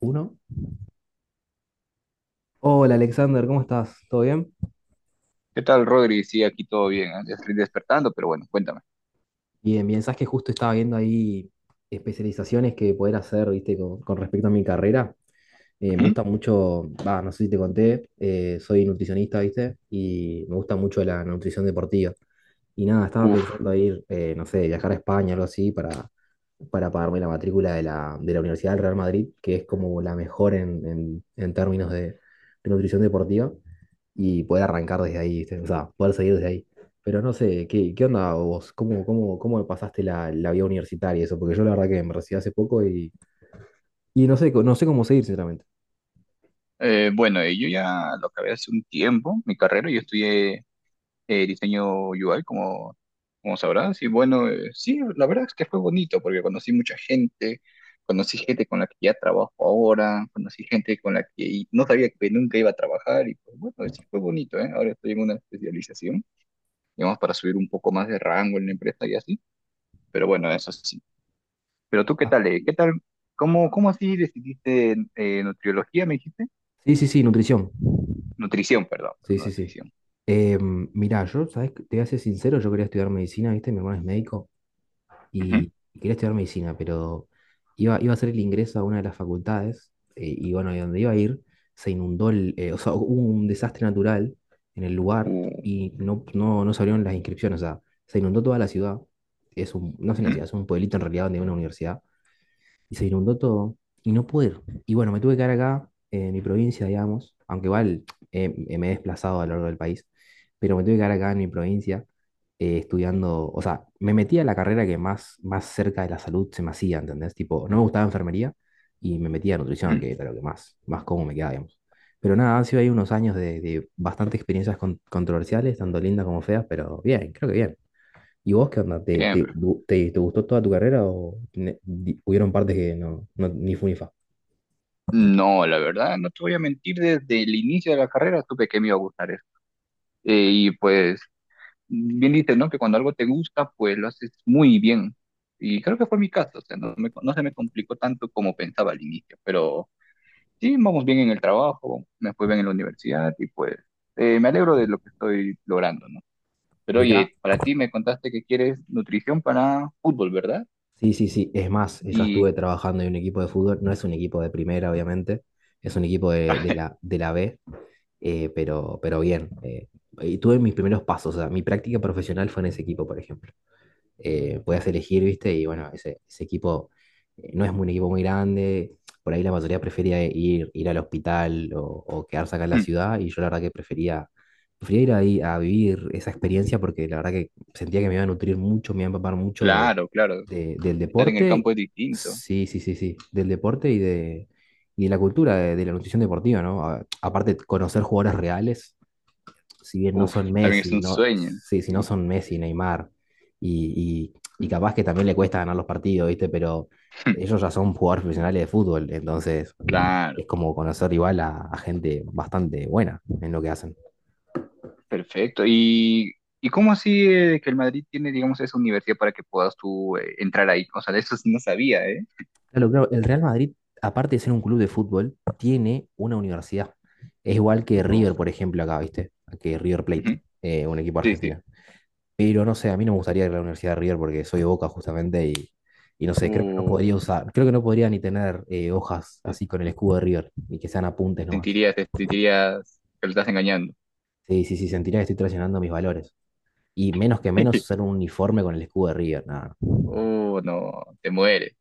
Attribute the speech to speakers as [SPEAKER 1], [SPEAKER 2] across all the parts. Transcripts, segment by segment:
[SPEAKER 1] Uno. Hola Alexander, ¿cómo estás? ¿Todo bien?
[SPEAKER 2] ¿Qué tal, Rodri? Sí, aquí todo bien. ¿Eh? Ya estoy despertando, pero bueno, cuéntame.
[SPEAKER 1] Bien, bien, sabes que justo estaba viendo ahí especializaciones que poder hacer, viste, con respecto a mi carrera. Me
[SPEAKER 2] Ujú.
[SPEAKER 1] gusta mucho, va, no sé si te conté, soy nutricionista, viste, y me gusta mucho la nutrición deportiva. Y nada, estaba
[SPEAKER 2] Uf.
[SPEAKER 1] pensando ir, no sé, viajar a España, algo así, para pagarme la matrícula de la Universidad del Real Madrid, que es como la mejor en términos de nutrición deportiva. Y poder arrancar desde ahí, ¿viste? O sea, poder seguir desde ahí. Pero no sé, qué onda vos? Cómo pasaste la vida universitaria y eso? Porque yo la verdad que me recibí hace poco y no sé, no sé cómo seguir, sinceramente.
[SPEAKER 2] Bueno, yo ya lo acabé hace un tiempo, mi carrera. Yo estudié diseño UI, como, como sabrás. Y bueno, sí, la verdad es que fue bonito porque conocí mucha gente. Conocí gente con la que ya trabajo ahora. Conocí gente con la que no sabía que nunca iba a trabajar. Y pues bueno, sí fue bonito, ¿eh? Ahora estoy en una especialización, digamos, para subir un poco más de rango en la empresa y así. Pero bueno, eso sí. Pero tú, ¿qué
[SPEAKER 1] Ah,
[SPEAKER 2] tal? ¿Eh? ¿Qué tal? ¿Cómo, cómo así decidiste nutriología, me dijiste?
[SPEAKER 1] sí, sí, sí, nutrición.
[SPEAKER 2] Nutrición, perdón, pero
[SPEAKER 1] Sí,
[SPEAKER 2] no
[SPEAKER 1] sí, sí.
[SPEAKER 2] nutrición.
[SPEAKER 1] mira Mirá, yo, ¿sabes? Te voy a ser sincero, yo quería estudiar medicina, ¿viste? Mi hermano es médico.
[SPEAKER 2] Ujú.
[SPEAKER 1] Y quería estudiar medicina, pero iba a hacer el ingreso a una de las facultades, y bueno, de donde iba a ir se inundó, o sea, hubo un desastre natural en el lugar
[SPEAKER 2] Uh,
[SPEAKER 1] y no se abrieron las inscripciones, o sea, se inundó toda la ciudad, es un, no es una
[SPEAKER 2] ujú,
[SPEAKER 1] ciudad, es un pueblito en realidad donde hay una universidad y se inundó todo y no pude ir. Y bueno, me tuve que quedar acá, en mi provincia, digamos, aunque igual me he desplazado a lo largo del país, pero me tuve que quedar acá en mi provincia estudiando, o sea, me metí a la carrera que más cerca de la salud se me hacía, ¿entendés? Tipo, no me gustaba enfermería y me metí a nutrición,
[SPEAKER 2] ujú.
[SPEAKER 1] que era lo que más cómodo me quedaba, digamos. Pero nada, han sido ahí unos años de bastantes experiencias controversiales, tanto lindas como feas, pero bien, creo que bien. ¿Y vos qué onda?
[SPEAKER 2] Bien, pero-
[SPEAKER 1] Te gustó toda tu carrera o hubieron partes que no, no ni fu ni fa?
[SPEAKER 2] No, la verdad, no te voy a mentir, desde el inicio de la carrera supe que me iba a gustar eso. Y pues, bien dices, ¿no? Que cuando algo te gusta, pues lo haces muy bien. Y creo que fue mi caso, o sea, no, me- no se me complicó tanto como pensaba al inicio, pero sí, vamos bien en el trabajo, me fue bien en la universidad y pues me alegro de lo que estoy logrando, ¿no? Pero
[SPEAKER 1] Mirá,
[SPEAKER 2] oye, para ti me contaste que quieres nutrición para fútbol, ¿verdad?
[SPEAKER 1] sí, sí, sí. Es más, yo
[SPEAKER 2] Y
[SPEAKER 1] estuve trabajando en un equipo de fútbol. No es un equipo de primera, obviamente. Es un equipo de, de la B, pero bien. Y tuve mis primeros pasos. O sea, mi práctica profesional fue en ese equipo, por ejemplo. Puedas elegir, ¿viste? Y bueno, ese equipo no es un equipo muy grande, por ahí la mayoría prefería ir, ir al hospital o quedarse acá en la ciudad y yo la verdad que prefería, prefería ir ahí a vivir esa experiencia porque la verdad que sentía que me iba a nutrir mucho, me iba a empapar mucho de,
[SPEAKER 2] claro, claro,
[SPEAKER 1] del
[SPEAKER 2] estar en el campo
[SPEAKER 1] deporte,
[SPEAKER 2] es distinto.
[SPEAKER 1] sí, sí, sí, sí, del deporte y de la cultura de la nutrición deportiva, ¿no? Aparte conocer jugadores reales, si bien no
[SPEAKER 2] Uf,
[SPEAKER 1] son
[SPEAKER 2] también es
[SPEAKER 1] Messi,
[SPEAKER 2] un
[SPEAKER 1] no,
[SPEAKER 2] sueño.
[SPEAKER 1] sí, si no
[SPEAKER 2] Sí,
[SPEAKER 1] son Messi, Neymar, y, y capaz que también le cuesta ganar los partidos, ¿viste? Pero ellos ya son jugadores profesionales de fútbol, entonces es
[SPEAKER 2] claro,
[SPEAKER 1] como conocer igual a gente bastante buena en lo que hacen.
[SPEAKER 2] perfecto. Y cómo así que el Madrid tiene, digamos, esa universidad para que puedas tú entrar ahí? O sea, de eso sí no sabía, ¿eh?
[SPEAKER 1] Claro, claro, el Real Madrid, aparte de ser un club de fútbol, tiene una universidad. Es igual que
[SPEAKER 2] Uf,
[SPEAKER 1] River, por ejemplo, acá, ¿viste? Que River Plate,
[SPEAKER 2] ujú,
[SPEAKER 1] un equipo
[SPEAKER 2] sí, sí.
[SPEAKER 1] argentino. Pero no sé, a mí no me gustaría ir a la Universidad de River porque soy de Boca justamente y no sé, creo que no
[SPEAKER 2] Uh,
[SPEAKER 1] podría usar, creo que no podría ni tener, hojas
[SPEAKER 2] te,
[SPEAKER 1] así con el escudo de River y que sean apuntes nomás.
[SPEAKER 2] te sentirías que lo estás engañando.
[SPEAKER 1] Sí, sí, sí, sentiría que estoy traicionando mis valores. Y menos que menos usar un uniforme con el escudo de River, nada.
[SPEAKER 2] Oh, no, te mueres.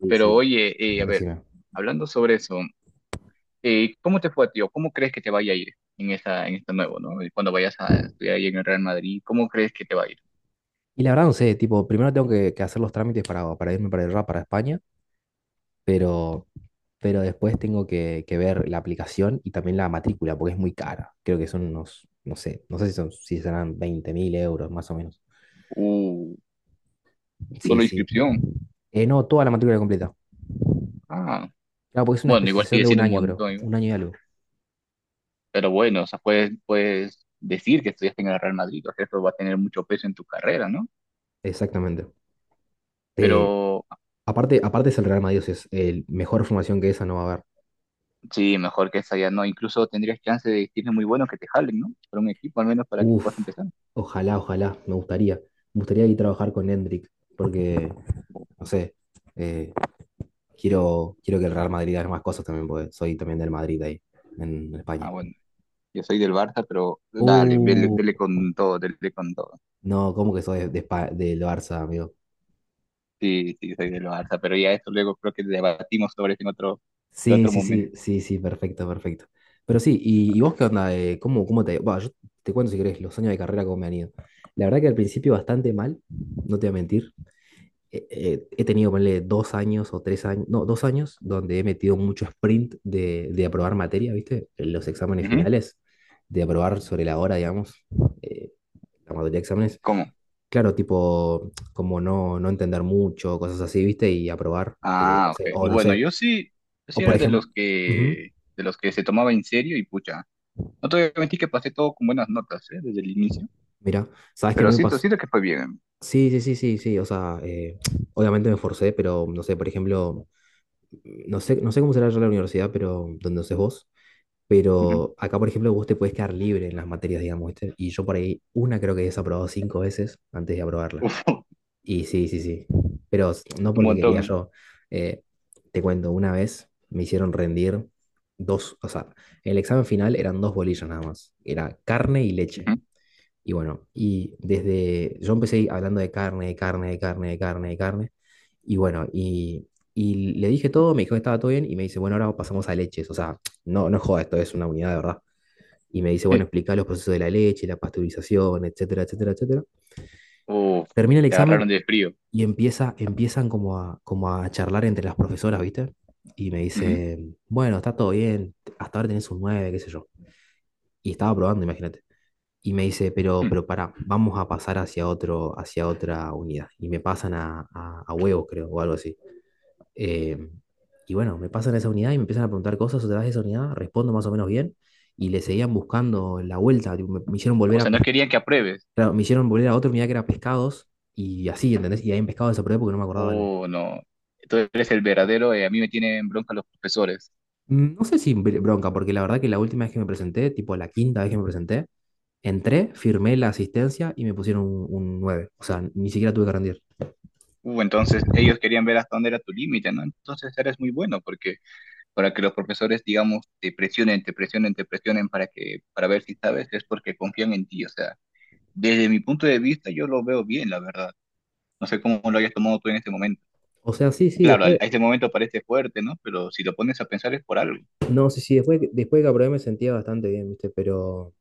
[SPEAKER 1] Sí,
[SPEAKER 2] Pero
[SPEAKER 1] sí,
[SPEAKER 2] oye, a ver,
[SPEAKER 1] decime.
[SPEAKER 2] hablando sobre eso, ¿cómo te fue a ti o cómo crees que te vaya a ir en esta nuevo, ¿no? Y cuando vayas a estudiar ahí en el Real Madrid, ¿cómo crees que te va a ir?
[SPEAKER 1] Y la verdad no sé, tipo, primero tengo que hacer los trámites para irme para el RAP para España, pero, pero después tengo que ver la aplicación y también la matrícula porque es muy cara. Creo que son unos, no sé, no sé si son, si serán 20.000 euros más o menos.
[SPEAKER 2] Uh,
[SPEAKER 1] Sí,
[SPEAKER 2] solo
[SPEAKER 1] sí.
[SPEAKER 2] inscripción.
[SPEAKER 1] No, toda la matrícula completa.
[SPEAKER 2] Ah,
[SPEAKER 1] Claro, porque es una
[SPEAKER 2] bueno, igual
[SPEAKER 1] especialización
[SPEAKER 2] sigue
[SPEAKER 1] de un
[SPEAKER 2] siendo un
[SPEAKER 1] año, creo.
[SPEAKER 2] montón, igual.
[SPEAKER 1] Un año y algo.
[SPEAKER 2] Pero bueno, o sea, puedes, puedes decir que estudiaste en el Real Madrid, o sea, eso va a tener mucho peso en tu carrera, ¿no?
[SPEAKER 1] Exactamente. Eh,
[SPEAKER 2] Pero
[SPEAKER 1] Aparte es el Real Madrid, o sea, es el mejor formación que esa no va a haber.
[SPEAKER 2] sí, mejor que esa ya no, incluso tendrías chance de decirle muy bueno que te jalen, ¿no? Por un equipo al menos para que puedas
[SPEAKER 1] Uf,
[SPEAKER 2] empezar.
[SPEAKER 1] ojalá, ojalá, me gustaría. Me gustaría ir a trabajar con Hendrik, porque, no sé, eh, quiero, quiero que el Real Madrid haga más cosas también, porque soy también del Madrid ahí, en España.
[SPEAKER 2] Ah, bueno. Yo soy del Barça, pero dale, dele,
[SPEAKER 1] Uh,
[SPEAKER 2] dele con todo, dele con todo.
[SPEAKER 1] no, ¿cómo que soy de, del Barça, amigo?
[SPEAKER 2] Sí, sí, soy del Barça, pero ya esto luego creo que debatimos sobre eso en
[SPEAKER 1] Sí,
[SPEAKER 2] otro
[SPEAKER 1] sí, sí,
[SPEAKER 2] momento.
[SPEAKER 1] sí, sí, perfecto, perfecto. Pero sí, y vos qué onda? ¿Cómo, cómo te... va, yo te cuento si querés los años de carrera cómo me han ido. La verdad que al principio bastante mal, no te voy a mentir. He tenido, ponle, dos años o tres años, no, dos años donde he metido mucho sprint de aprobar materia, ¿viste? En los exámenes
[SPEAKER 2] Ujú.
[SPEAKER 1] finales, de aprobar sobre la hora, digamos, eh, la mayoría de exámenes.
[SPEAKER 2] ¿Cómo?
[SPEAKER 1] Claro, tipo, como no, no entender mucho, cosas así, ¿viste? Y aprobar, o
[SPEAKER 2] Ah, ok.
[SPEAKER 1] sea, o no
[SPEAKER 2] Bueno,
[SPEAKER 1] sé
[SPEAKER 2] yo sí, yo sí
[SPEAKER 1] o por
[SPEAKER 2] era
[SPEAKER 1] ejemplo,
[SPEAKER 2] de los que se tomaba en serio y pucha. No te voy a mentir que pasé todo con buenas notas, ¿eh? Desde el inicio,
[SPEAKER 1] mira, ¿sabes qué a mí
[SPEAKER 2] pero
[SPEAKER 1] me
[SPEAKER 2] siento,
[SPEAKER 1] pasó?
[SPEAKER 2] siento que fue bien.
[SPEAKER 1] Sí, sí, sí, sí, sí, o sea, obviamente me esforcé, pero no sé, por ejemplo, no sé, no sé cómo será allá en la universidad, pero donde haces vos,
[SPEAKER 2] Ujú.
[SPEAKER 1] pero acá, por ejemplo, vos te puedes quedar libre en las materias, digamos, ¿viste? Y yo por ahí una creo que he desaprobado 5 veces antes de aprobarla.
[SPEAKER 2] Uf,
[SPEAKER 1] Y sí, sí, sí, pero no
[SPEAKER 2] es un
[SPEAKER 1] porque quería
[SPEAKER 2] montón, ¿eh?
[SPEAKER 1] yo, eh, te cuento, una vez me hicieron rendir dos, o sea, el examen final eran dos bolillas nada más, era carne y leche.
[SPEAKER 2] Ujú.
[SPEAKER 1] Y bueno, y desde, yo empecé hablando de carne, de carne, de carne, de carne, de carne. Y bueno, y le dije todo, me dijo que estaba todo bien y me dice, bueno, ahora pasamos a leches. O sea, no, no es joda, esto es una unidad de verdad. Y me dice, bueno, explica los procesos de la leche, la pasteurización, etcétera, etcétera, etcétera.
[SPEAKER 2] Uf,
[SPEAKER 1] Termina el
[SPEAKER 2] te agarraron
[SPEAKER 1] examen
[SPEAKER 2] de frío.
[SPEAKER 1] y empiezan como a, como a charlar entre las profesoras, ¿viste? Y me
[SPEAKER 2] Ujú.
[SPEAKER 1] dice, bueno, está todo bien, hasta ahora tenés un 9 qué sé yo. Y estaba probando, imagínate. Y me dice,
[SPEAKER 2] Mm.
[SPEAKER 1] pero para, vamos a pasar hacia otro, hacia otra unidad. Y me pasan a huevos, creo, o algo así. Eh, y bueno, me pasan a esa unidad y me empiezan a preguntar cosas otra vez de esa unidad, respondo más o menos bien, y le seguían buscando la vuelta, tipo, me hicieron volver
[SPEAKER 2] O
[SPEAKER 1] a
[SPEAKER 2] sea, no querían que apruebes.
[SPEAKER 1] claro, me hicieron volver a otra unidad que era pescados, y así, ¿entendés? Y ahí en pescados desaprovechado porque no me acordaba.
[SPEAKER 2] Oh, no. Tú eres el verdadero, a mí me tienen bronca los profesores.
[SPEAKER 1] Mm, no sé si bronca, porque la verdad que la última vez que me presenté, tipo la 5.ª vez que me presenté, entré, firmé la asistencia y me pusieron un 9. O sea, ni siquiera tuve que rendir.
[SPEAKER 2] Entonces ellos querían ver hasta dónde era tu límite, ¿no? Entonces eres muy bueno porque para que los profesores, digamos, te presionen, te presionen, te presionen para que, para ver si sabes, es porque confían en ti. O sea, desde mi punto de vista yo lo veo bien, la verdad. No sé cómo lo hayas tomado tú en este momento.
[SPEAKER 1] O sea, sí, sí,
[SPEAKER 2] Claro, al-
[SPEAKER 1] después,
[SPEAKER 2] a este momento parece fuerte, ¿no? Pero si lo pones a pensar es por algo.
[SPEAKER 1] no, sí, sí, después, después que aprobé me sentía bastante bien, ¿viste?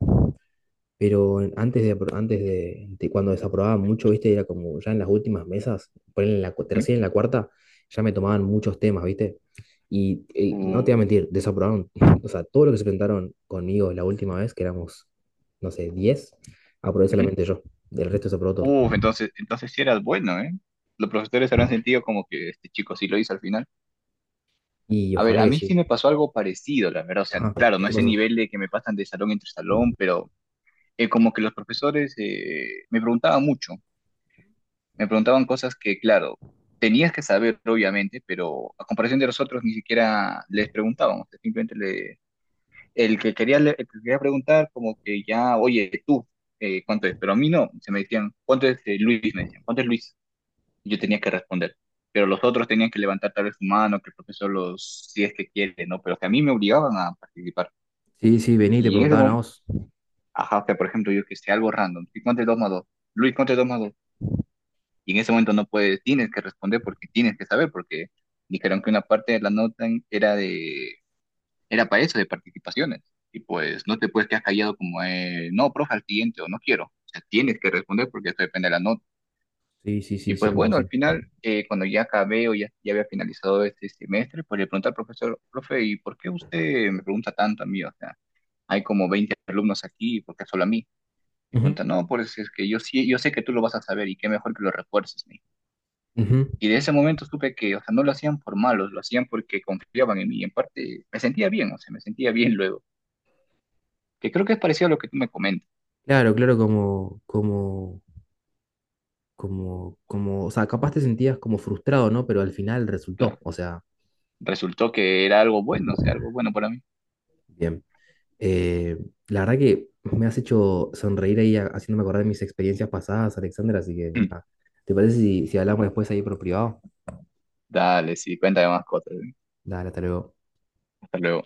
[SPEAKER 1] Pero antes de, antes de cuando desaprobaba mucho, ¿viste? Era como ya en las últimas mesas, ponele en la
[SPEAKER 2] Ujú.
[SPEAKER 1] tercera y en la cuarta, ya me tomaban muchos temas, ¿viste? Y, no te voy a
[SPEAKER 2] Uh,
[SPEAKER 1] mentir, desaprobaron, o sea, todo lo que se presentaron conmigo la última vez, que éramos, no sé, 10, aprobé
[SPEAKER 2] ujú.
[SPEAKER 1] solamente yo, del resto desaprobó todo.
[SPEAKER 2] Uf, entonces, entonces sí eras bueno, ¿eh? Los profesores habrán sentido como que este chico sí lo hizo al final.
[SPEAKER 1] Y
[SPEAKER 2] A ver,
[SPEAKER 1] ojalá
[SPEAKER 2] a
[SPEAKER 1] que
[SPEAKER 2] mí sí
[SPEAKER 1] sí.
[SPEAKER 2] me pasó algo parecido, la verdad. O sea,
[SPEAKER 1] Ajá,
[SPEAKER 2] claro,
[SPEAKER 1] ¿qué
[SPEAKER 2] no a
[SPEAKER 1] te
[SPEAKER 2] ese
[SPEAKER 1] pasó?
[SPEAKER 2] nivel de que me pasan de salón entre salón, pero como que los profesores me preguntaban mucho. Me preguntaban cosas que, claro, tenías que saber, obviamente, pero a comparación de nosotros ni siquiera les preguntaban. O sea, simplemente le, el que quería, le- el que quería preguntar, como que ya, oye, tú, ¿cuánto es? Pero a mí no. Se me decían, ¿cuánto es Luis? Me decían, ¿cuánto es Luis? Yo tenía que responder. Pero los otros tenían que levantar tal vez su mano, que el profesor los, si es que quiere, ¿no? Pero que a mí me obligaban a participar.
[SPEAKER 1] Sí, sí, vení y te
[SPEAKER 2] Y en ese
[SPEAKER 1] preguntaban a
[SPEAKER 2] momento,
[SPEAKER 1] vos.
[SPEAKER 2] ajá, o sea, por ejemplo, yo que sé, algo random, ¿sí cuánto es 2 más 2, Luis, ¿cuánto es 2 más 2, y en ese momento no puedes, tienes que responder porque tienes que saber, porque dijeron que una parte de la nota era de, era para eso, de participaciones. Y pues no te puedes quedar callado como, no, profe, al siguiente, o no quiero. O sea, tienes que responder porque esto depende de la nota.
[SPEAKER 1] Sí, sí,
[SPEAKER 2] Y
[SPEAKER 1] sí,
[SPEAKER 2] pues bueno, al
[SPEAKER 1] 100%.
[SPEAKER 2] final, cuando ya acabé o ya, ya había finalizado este semestre, pues le pregunté al profesor, profe, ¿y por qué usted me pregunta tanto a mí? O sea, hay como 20 alumnos aquí, ¿por qué solo a mí? Me
[SPEAKER 1] Ujú,
[SPEAKER 2] pregunta, no, pues es que yo sí, yo sé que tú lo vas a saber y qué mejor que lo refuerces, me dijo.
[SPEAKER 1] ujú.
[SPEAKER 2] Y de ese momento supe que, o sea, no lo hacían por malos, lo hacían porque confiaban en mí. Y en parte me sentía bien, o sea, me sentía bien luego. Que creo que es parecido a lo que tú me comentas.
[SPEAKER 1] Claro, claro, como, o sea, capaz te sentías como frustrado, ¿no? Pero al final resultó,
[SPEAKER 2] Claro.
[SPEAKER 1] o sea,
[SPEAKER 2] Resultó que era algo bueno, o sea, algo bueno para mí.
[SPEAKER 1] bien. Eh, la verdad que me has hecho sonreír ahí haciéndome acordar de mis experiencias pasadas, Alexander, así que, nada. ¿Te parece si, si hablamos después ahí por privado?
[SPEAKER 2] Dale, sí, cuéntame más cosas. ¿Eh?
[SPEAKER 1] Dale, hasta luego.
[SPEAKER 2] Hasta luego.